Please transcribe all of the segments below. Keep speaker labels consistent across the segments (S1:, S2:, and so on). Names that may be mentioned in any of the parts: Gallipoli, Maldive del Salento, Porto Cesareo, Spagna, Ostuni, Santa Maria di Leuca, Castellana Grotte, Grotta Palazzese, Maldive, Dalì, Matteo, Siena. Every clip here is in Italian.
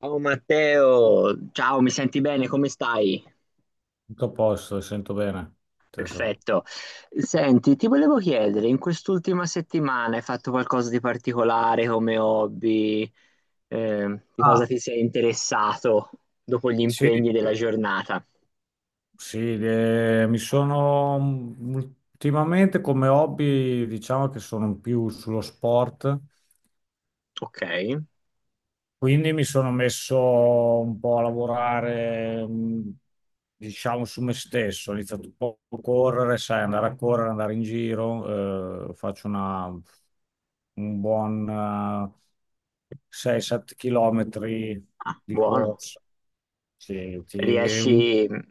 S1: Ciao Matteo, ciao, mi senti bene? Come stai?
S2: Tutto a posto, sento bene. Te so-
S1: Perfetto. Senti, ti volevo chiedere, in quest'ultima settimana hai fatto qualcosa di particolare come hobby? Di
S2: Ah,
S1: cosa ti sei interessato dopo gli
S2: sì,
S1: impegni della giornata?
S2: sì, ultimamente come hobby, diciamo che sono più sullo sport.
S1: Ok,
S2: Quindi mi sono messo un po' a lavorare, diciamo, su me stesso. Ho iniziato un po' a correre, sai, andare a correre, andare in giro. Faccio un buon 6-7 chilometri
S1: ah,
S2: di
S1: buono.
S2: corsa. Sì, un-
S1: Riesci ad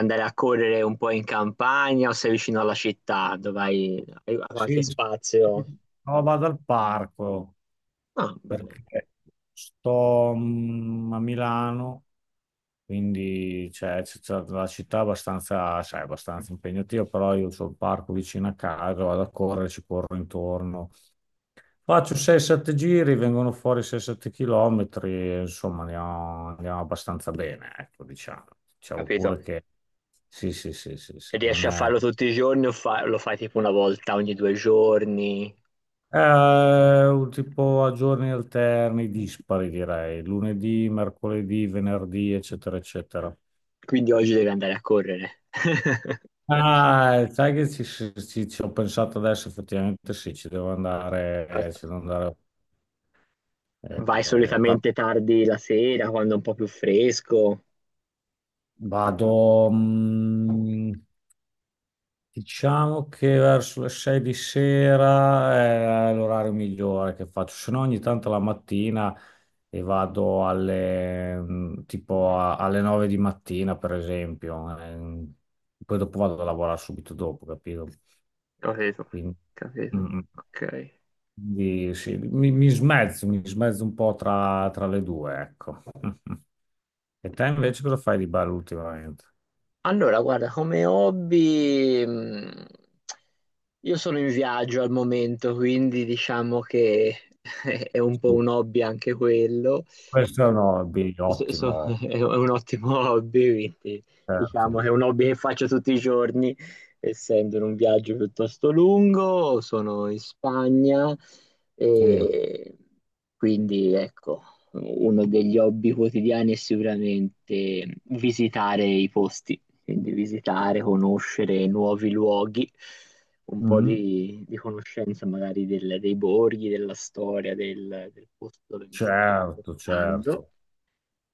S1: andare a correre un po' in campagna o sei vicino alla città dove hai qualche
S2: sì, sì.
S1: spazio?
S2: No, vado al parco
S1: Ah, bene,
S2: perché sto, a Milano. Quindi cioè, c'è c'è la città è abbastanza, sai, abbastanza impegnativa, però io ho il parco vicino a casa, vado a correre, ci corro intorno. Faccio 6-7 giri, vengono fuori 6-7 chilometri, insomma andiamo abbastanza bene, ecco, diciamo. Diciamo
S1: capito.
S2: pure che sì, sì, sì, sì, sì, non
S1: Riesci a
S2: è.
S1: farlo tutti i giorni o lo fai tipo una volta ogni due giorni?
S2: È un tipo a giorni alterni, dispari direi, lunedì, mercoledì, venerdì, eccetera, eccetera.
S1: Quindi oggi devi andare a correre.
S2: Ah, sai che ci ho pensato adesso, effettivamente sì, ci devo andare, eh,
S1: Vai
S2: però
S1: solitamente tardi la sera, quando è un po' più fresco.
S2: vado, diciamo che verso le 6 di sera è l'orario migliore che faccio, se no ogni tanto la mattina e vado alle, tipo alle 9 di mattina, per esempio, poi dopo vado a lavorare subito dopo, capito?
S1: Capito,
S2: Quindi, mm,
S1: capito.
S2: mm.
S1: Ok.
S2: Quindi sì, mi smezzo un po' tra le due, ecco. E te invece cosa fai di bello ultimamente?
S1: Allora, guarda, come hobby, io sono in viaggio al momento, quindi diciamo che è un po'
S2: Sì.
S1: un hobby anche quello.
S2: Questo è un
S1: So-
S2: hobby
S1: so- so-
S2: ottimo,
S1: è un ottimo hobby, quindi diciamo che
S2: certo.
S1: è un hobby che faccio tutti i giorni, essendo in un viaggio piuttosto lungo, sono in Spagna
S2: Sì.
S1: e quindi ecco, uno degli hobby quotidiani è sicuramente visitare i posti, quindi visitare, conoscere nuovi luoghi, un po'
S2: Mhm.
S1: di conoscenza magari dei borghi, della storia, del posto dove mi sto
S2: Certo,
S1: spostando.
S2: certo.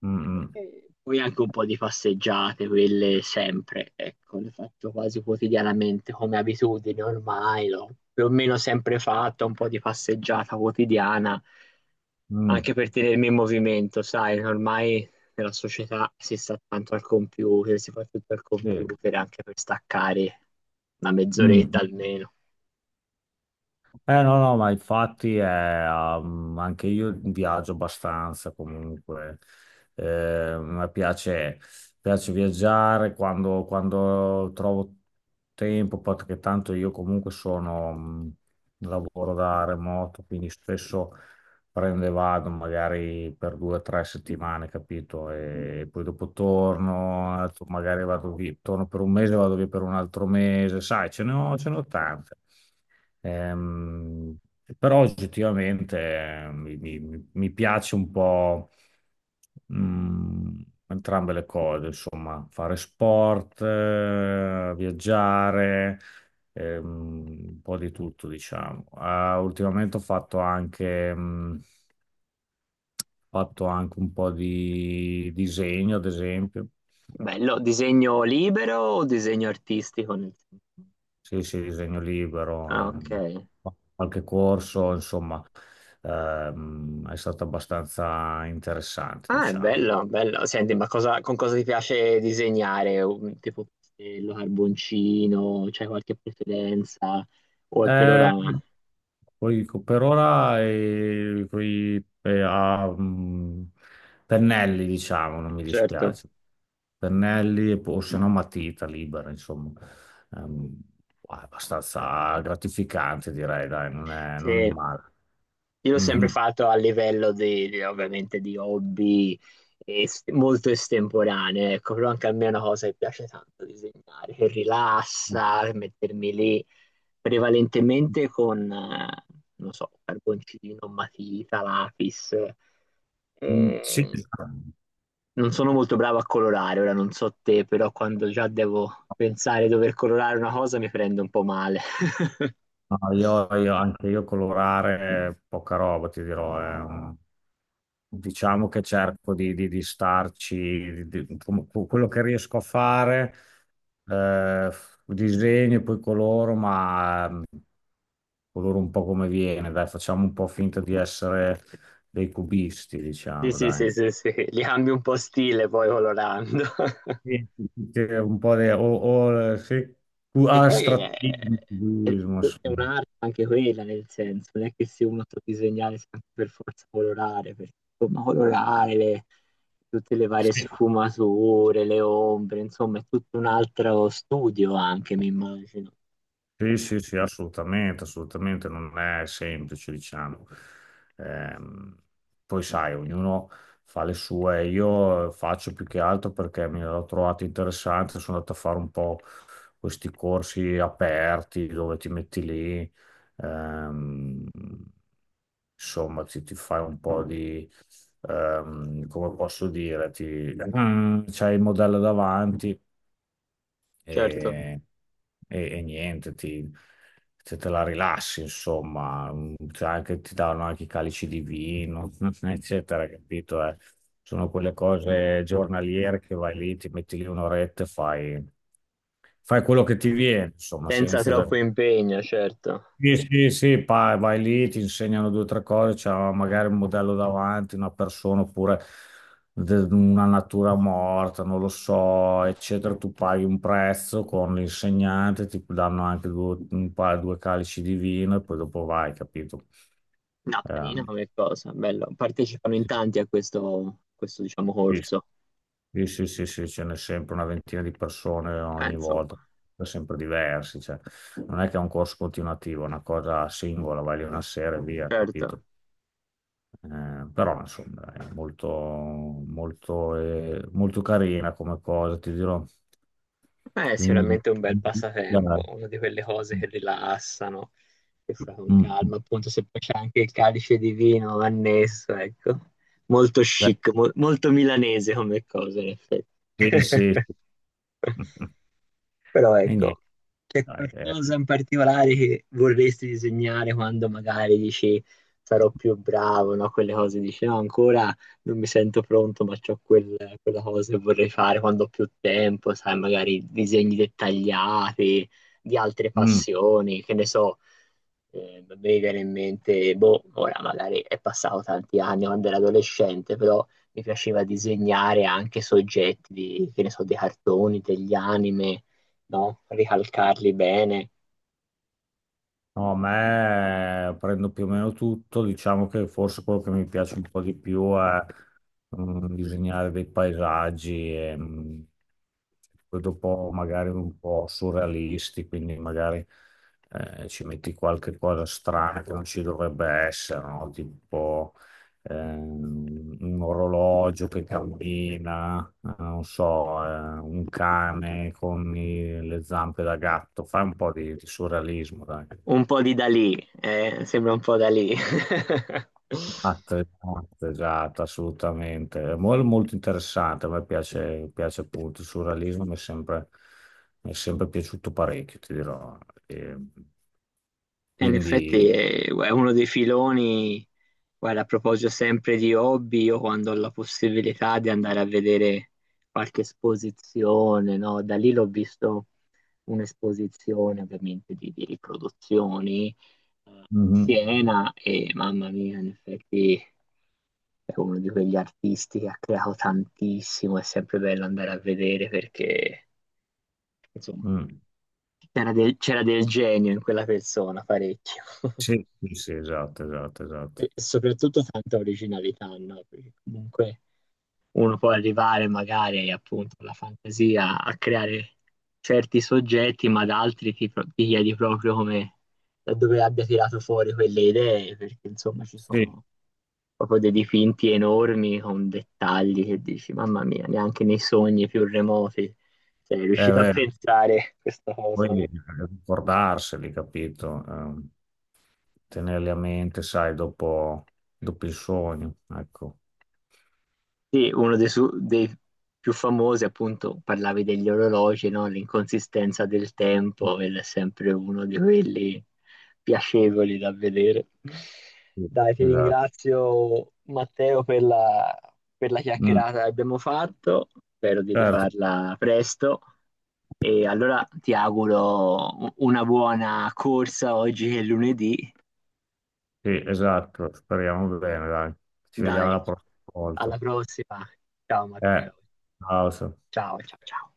S2: Mm, mm,
S1: E poi anche un po' di passeggiate, quelle sempre, ecco, le faccio quasi quotidianamente come abitudine ormai, l'ho più o meno sempre fatta, un po' di passeggiata quotidiana
S2: mm.
S1: anche per tenermi in movimento, sai, ormai nella società si sta tanto al computer, si fa tutto al
S2: Sì.
S1: computer anche per staccare una
S2: Mm,
S1: mezz'oretta
S2: mm.
S1: almeno.
S2: Eh no, no, ma infatti è, anche io viaggio abbastanza comunque. Eh, a me piace viaggiare quando trovo tempo, perché tanto io comunque lavoro da remoto, quindi spesso prendo e vado magari per 2 o 3 settimane, capito? E poi dopo torno, magari vado via, torno per un mese, vado via per un altro mese, sai, ce ne ho tante. Ehm, però oggettivamente mi piace un po' mm, entrambe le cose, insomma, fare sport, viaggiare, un po' di tutto, diciamo. Ah, ultimamente ho fatto anche un po' di disegno, ad esempio.
S1: Bello, disegno libero o disegno artistico?
S2: Sì, sì, disegno
S1: Ah,
S2: libero,
S1: ok.
S2: qualche corso, insomma, è stato abbastanza interessante,
S1: Ah, è
S2: diciamo.
S1: bello, bello. Senti, ma con cosa ti piace disegnare? Tipo pastello, carboncino, c'hai qualche preferenza? O è per
S2: Eh,
S1: ora?
S2: poi per ora pennelli, diciamo, non mi
S1: Certo.
S2: dispiace. Pennelli e o se no matita libera, insomma. Ehm, è abbastanza gratificante, direi, dai, non è
S1: Sì.
S2: male.
S1: Io l'ho sempre
S2: Mhm.
S1: fatto a livello di, ovviamente di hobby molto estemporaneo, ecco, però anche a me è una cosa che piace tanto disegnare, che rilassa, che mettermi lì prevalentemente con, non so, carboncino, matita, lapis.
S2: Mm, sì.
S1: Eh, non sono molto bravo a colorare, ora non so te, però quando già devo pensare di dover colorare una cosa mi prendo un po' male.
S2: No, anche io colorare poca roba, ti dirò. Diciamo che cerco di starci, quello che riesco a fare, eh, disegno e poi coloro, ma coloro un po' come viene, dai, facciamo un po' finta di essere dei cubisti,
S1: Sì,
S2: diciamo,
S1: sì,
S2: dai.
S1: sì, sì, sì, li cambio un po' stile poi colorando.
S2: Sì, sì, sì, un po' di o, sì, più
S1: Che poi
S2: astrattismo,
S1: è-
S2: cubismo,
S1: è
S2: insomma.
S1: un'arte anche quella, nel senso, non è che se uno ti disegnare sia anche per forza colorare, perché insomma colorare tutte le varie
S2: Sì.
S1: sfumature, le ombre, insomma è tutto un altro studio anche, mi immagino.
S2: Sì, sì, sì, assolutamente, assolutamente, non è semplice, diciamo. Ehm, poi sai, ognuno fa le sue, io faccio più che altro perché mi l'ho trovato interessante, sono andato a fare un po' questi corsi aperti dove ti metti lì, ehm, insomma, ti fai un po' di, come posso dire, c'hai il modello davanti
S1: Certo,
S2: e, e niente, se te la rilassi, insomma, ti danno anche i calici di vino, eccetera, capito? Sono quelle cose giornaliere che vai lì, ti metti lì un'oretta e fai, quello che ti viene, insomma,
S1: senza
S2: senza
S1: troppo
S2: esagerare.
S1: impegno, certo.
S2: Sì, sì, sì, vai lì, ti insegnano due o tre cose, c'è magari un modello davanti, una persona oppure una natura morta, non lo so, eccetera. Tu paghi un prezzo con l'insegnante, ti danno anche due, un paio, due calici di vino e poi dopo vai, capito?
S1: No, carina
S2: Ehm,
S1: come cosa, bello. Partecipano in tanti a questo, questo diciamo,
S2: sì,
S1: corso.
S2: sì, sì, sì, sì, ce n'è sempre una ventina di persone ogni volta,
S1: Insomma,
S2: sempre diversi, cioè, non è che è un corso continuativo, è una cosa singola, vai lì una sera e via,
S1: certo.
S2: capito? Però insomma è molto, molto, molto carina come cosa, ti dirò.
S1: Beh, è
S2: Quindi,
S1: sicuramente un bel passatempo,
S2: guarda,
S1: una di quelle cose che rilassano, che fa con
S2: mm, mm,
S1: calma, appunto se poi c'è anche il calice di vino annesso, ecco. Molto chic, molto milanese come cosa, in effetti.
S2: sì, sì, sì.
S1: Però
S2: E niente,
S1: ecco, c'è
S2: dai, eh.
S1: qualcosa in particolare che vorresti disegnare quando magari dici sarò più bravo, no? Quelle cose dici no, ancora non mi sento pronto, ma c'ho quella cosa che vorrei fare quando ho più tempo, sai, magari disegni dettagliati di altre
S2: Mm.
S1: passioni, che ne so, mi viene in mente, boh, ora magari è passato tanti anni quando ero adolescente, però mi piaceva disegnare anche soggetti di, che ne so, dei cartoni, degli anime, no? Ricalcarli bene.
S2: No, a me prendo più o meno tutto, diciamo che forse quello che mi piace un po' di più è disegnare dei paesaggi e poi dopo magari un po' surrealisti, quindi magari ci metti qualche cosa strana che non ci dovrebbe essere, no? Tipo un orologio che cammina, non so, un cane con le zampe da gatto, fai un po' di surrealismo, dai.
S1: Un po' di Dalì, sembra un po' Dalì.
S2: Esatto, esatto, esatto, assolutamente. È molto interessante, a me piace, appunto il surrealismo, mi è sempre piaciuto parecchio, ti dirò. E
S1: E in effetti
S2: quindi,
S1: è uno dei filoni, guarda, a proposito sempre di hobby, io quando ho la possibilità di andare a vedere qualche esposizione, no? Da lì l'ho visto un'esposizione ovviamente di riproduzioni,
S2: mhm,
S1: Siena e mamma mia, in effetti è uno di quegli artisti che ha creato tantissimo, è sempre bello andare a vedere perché insomma,
S2: mm.
S1: c'era del genio in quella persona, parecchio.
S2: Sì, sì, sì, esatto, esatto, esatto.
S1: E soprattutto tanta originalità, no? Perché comunque uno può arrivare magari appunto alla fantasia a creare certi soggetti, ma da altri ti, ti chiedi proprio come da dove abbia tirato fuori quelle idee, perché insomma ci
S2: Sì, è
S1: sono proprio dei dipinti enormi con dettagli che dici, mamma mia, neanche nei sogni più remoti sei riuscito a
S2: vero,
S1: pensare questa cosa,
S2: poi
S1: no?
S2: ricordarseli, capito? Tenerli a mente, sai, dopo, il sogno, ecco.
S1: Sì, uno dei, dei più famosi, appunto, parlavi degli orologi, no? L'inconsistenza del tempo, ed è sempre uno di quelli piacevoli da vedere.
S2: Sì,
S1: Dai, ti
S2: esatto.
S1: ringrazio Matteo per la
S2: Mm,
S1: chiacchierata che abbiamo fatto, spero di
S2: certo.
S1: rifarla presto e allora ti auguro una buona corsa oggi che è lunedì.
S2: Sì, esatto, speriamo bene, dai. Ci vediamo
S1: Dai,
S2: la prossima volta.
S1: alla prossima. Ciao
S2: Eh,
S1: Matteo.
S2: ciao. Sam.
S1: Ciao, ciao, ciao.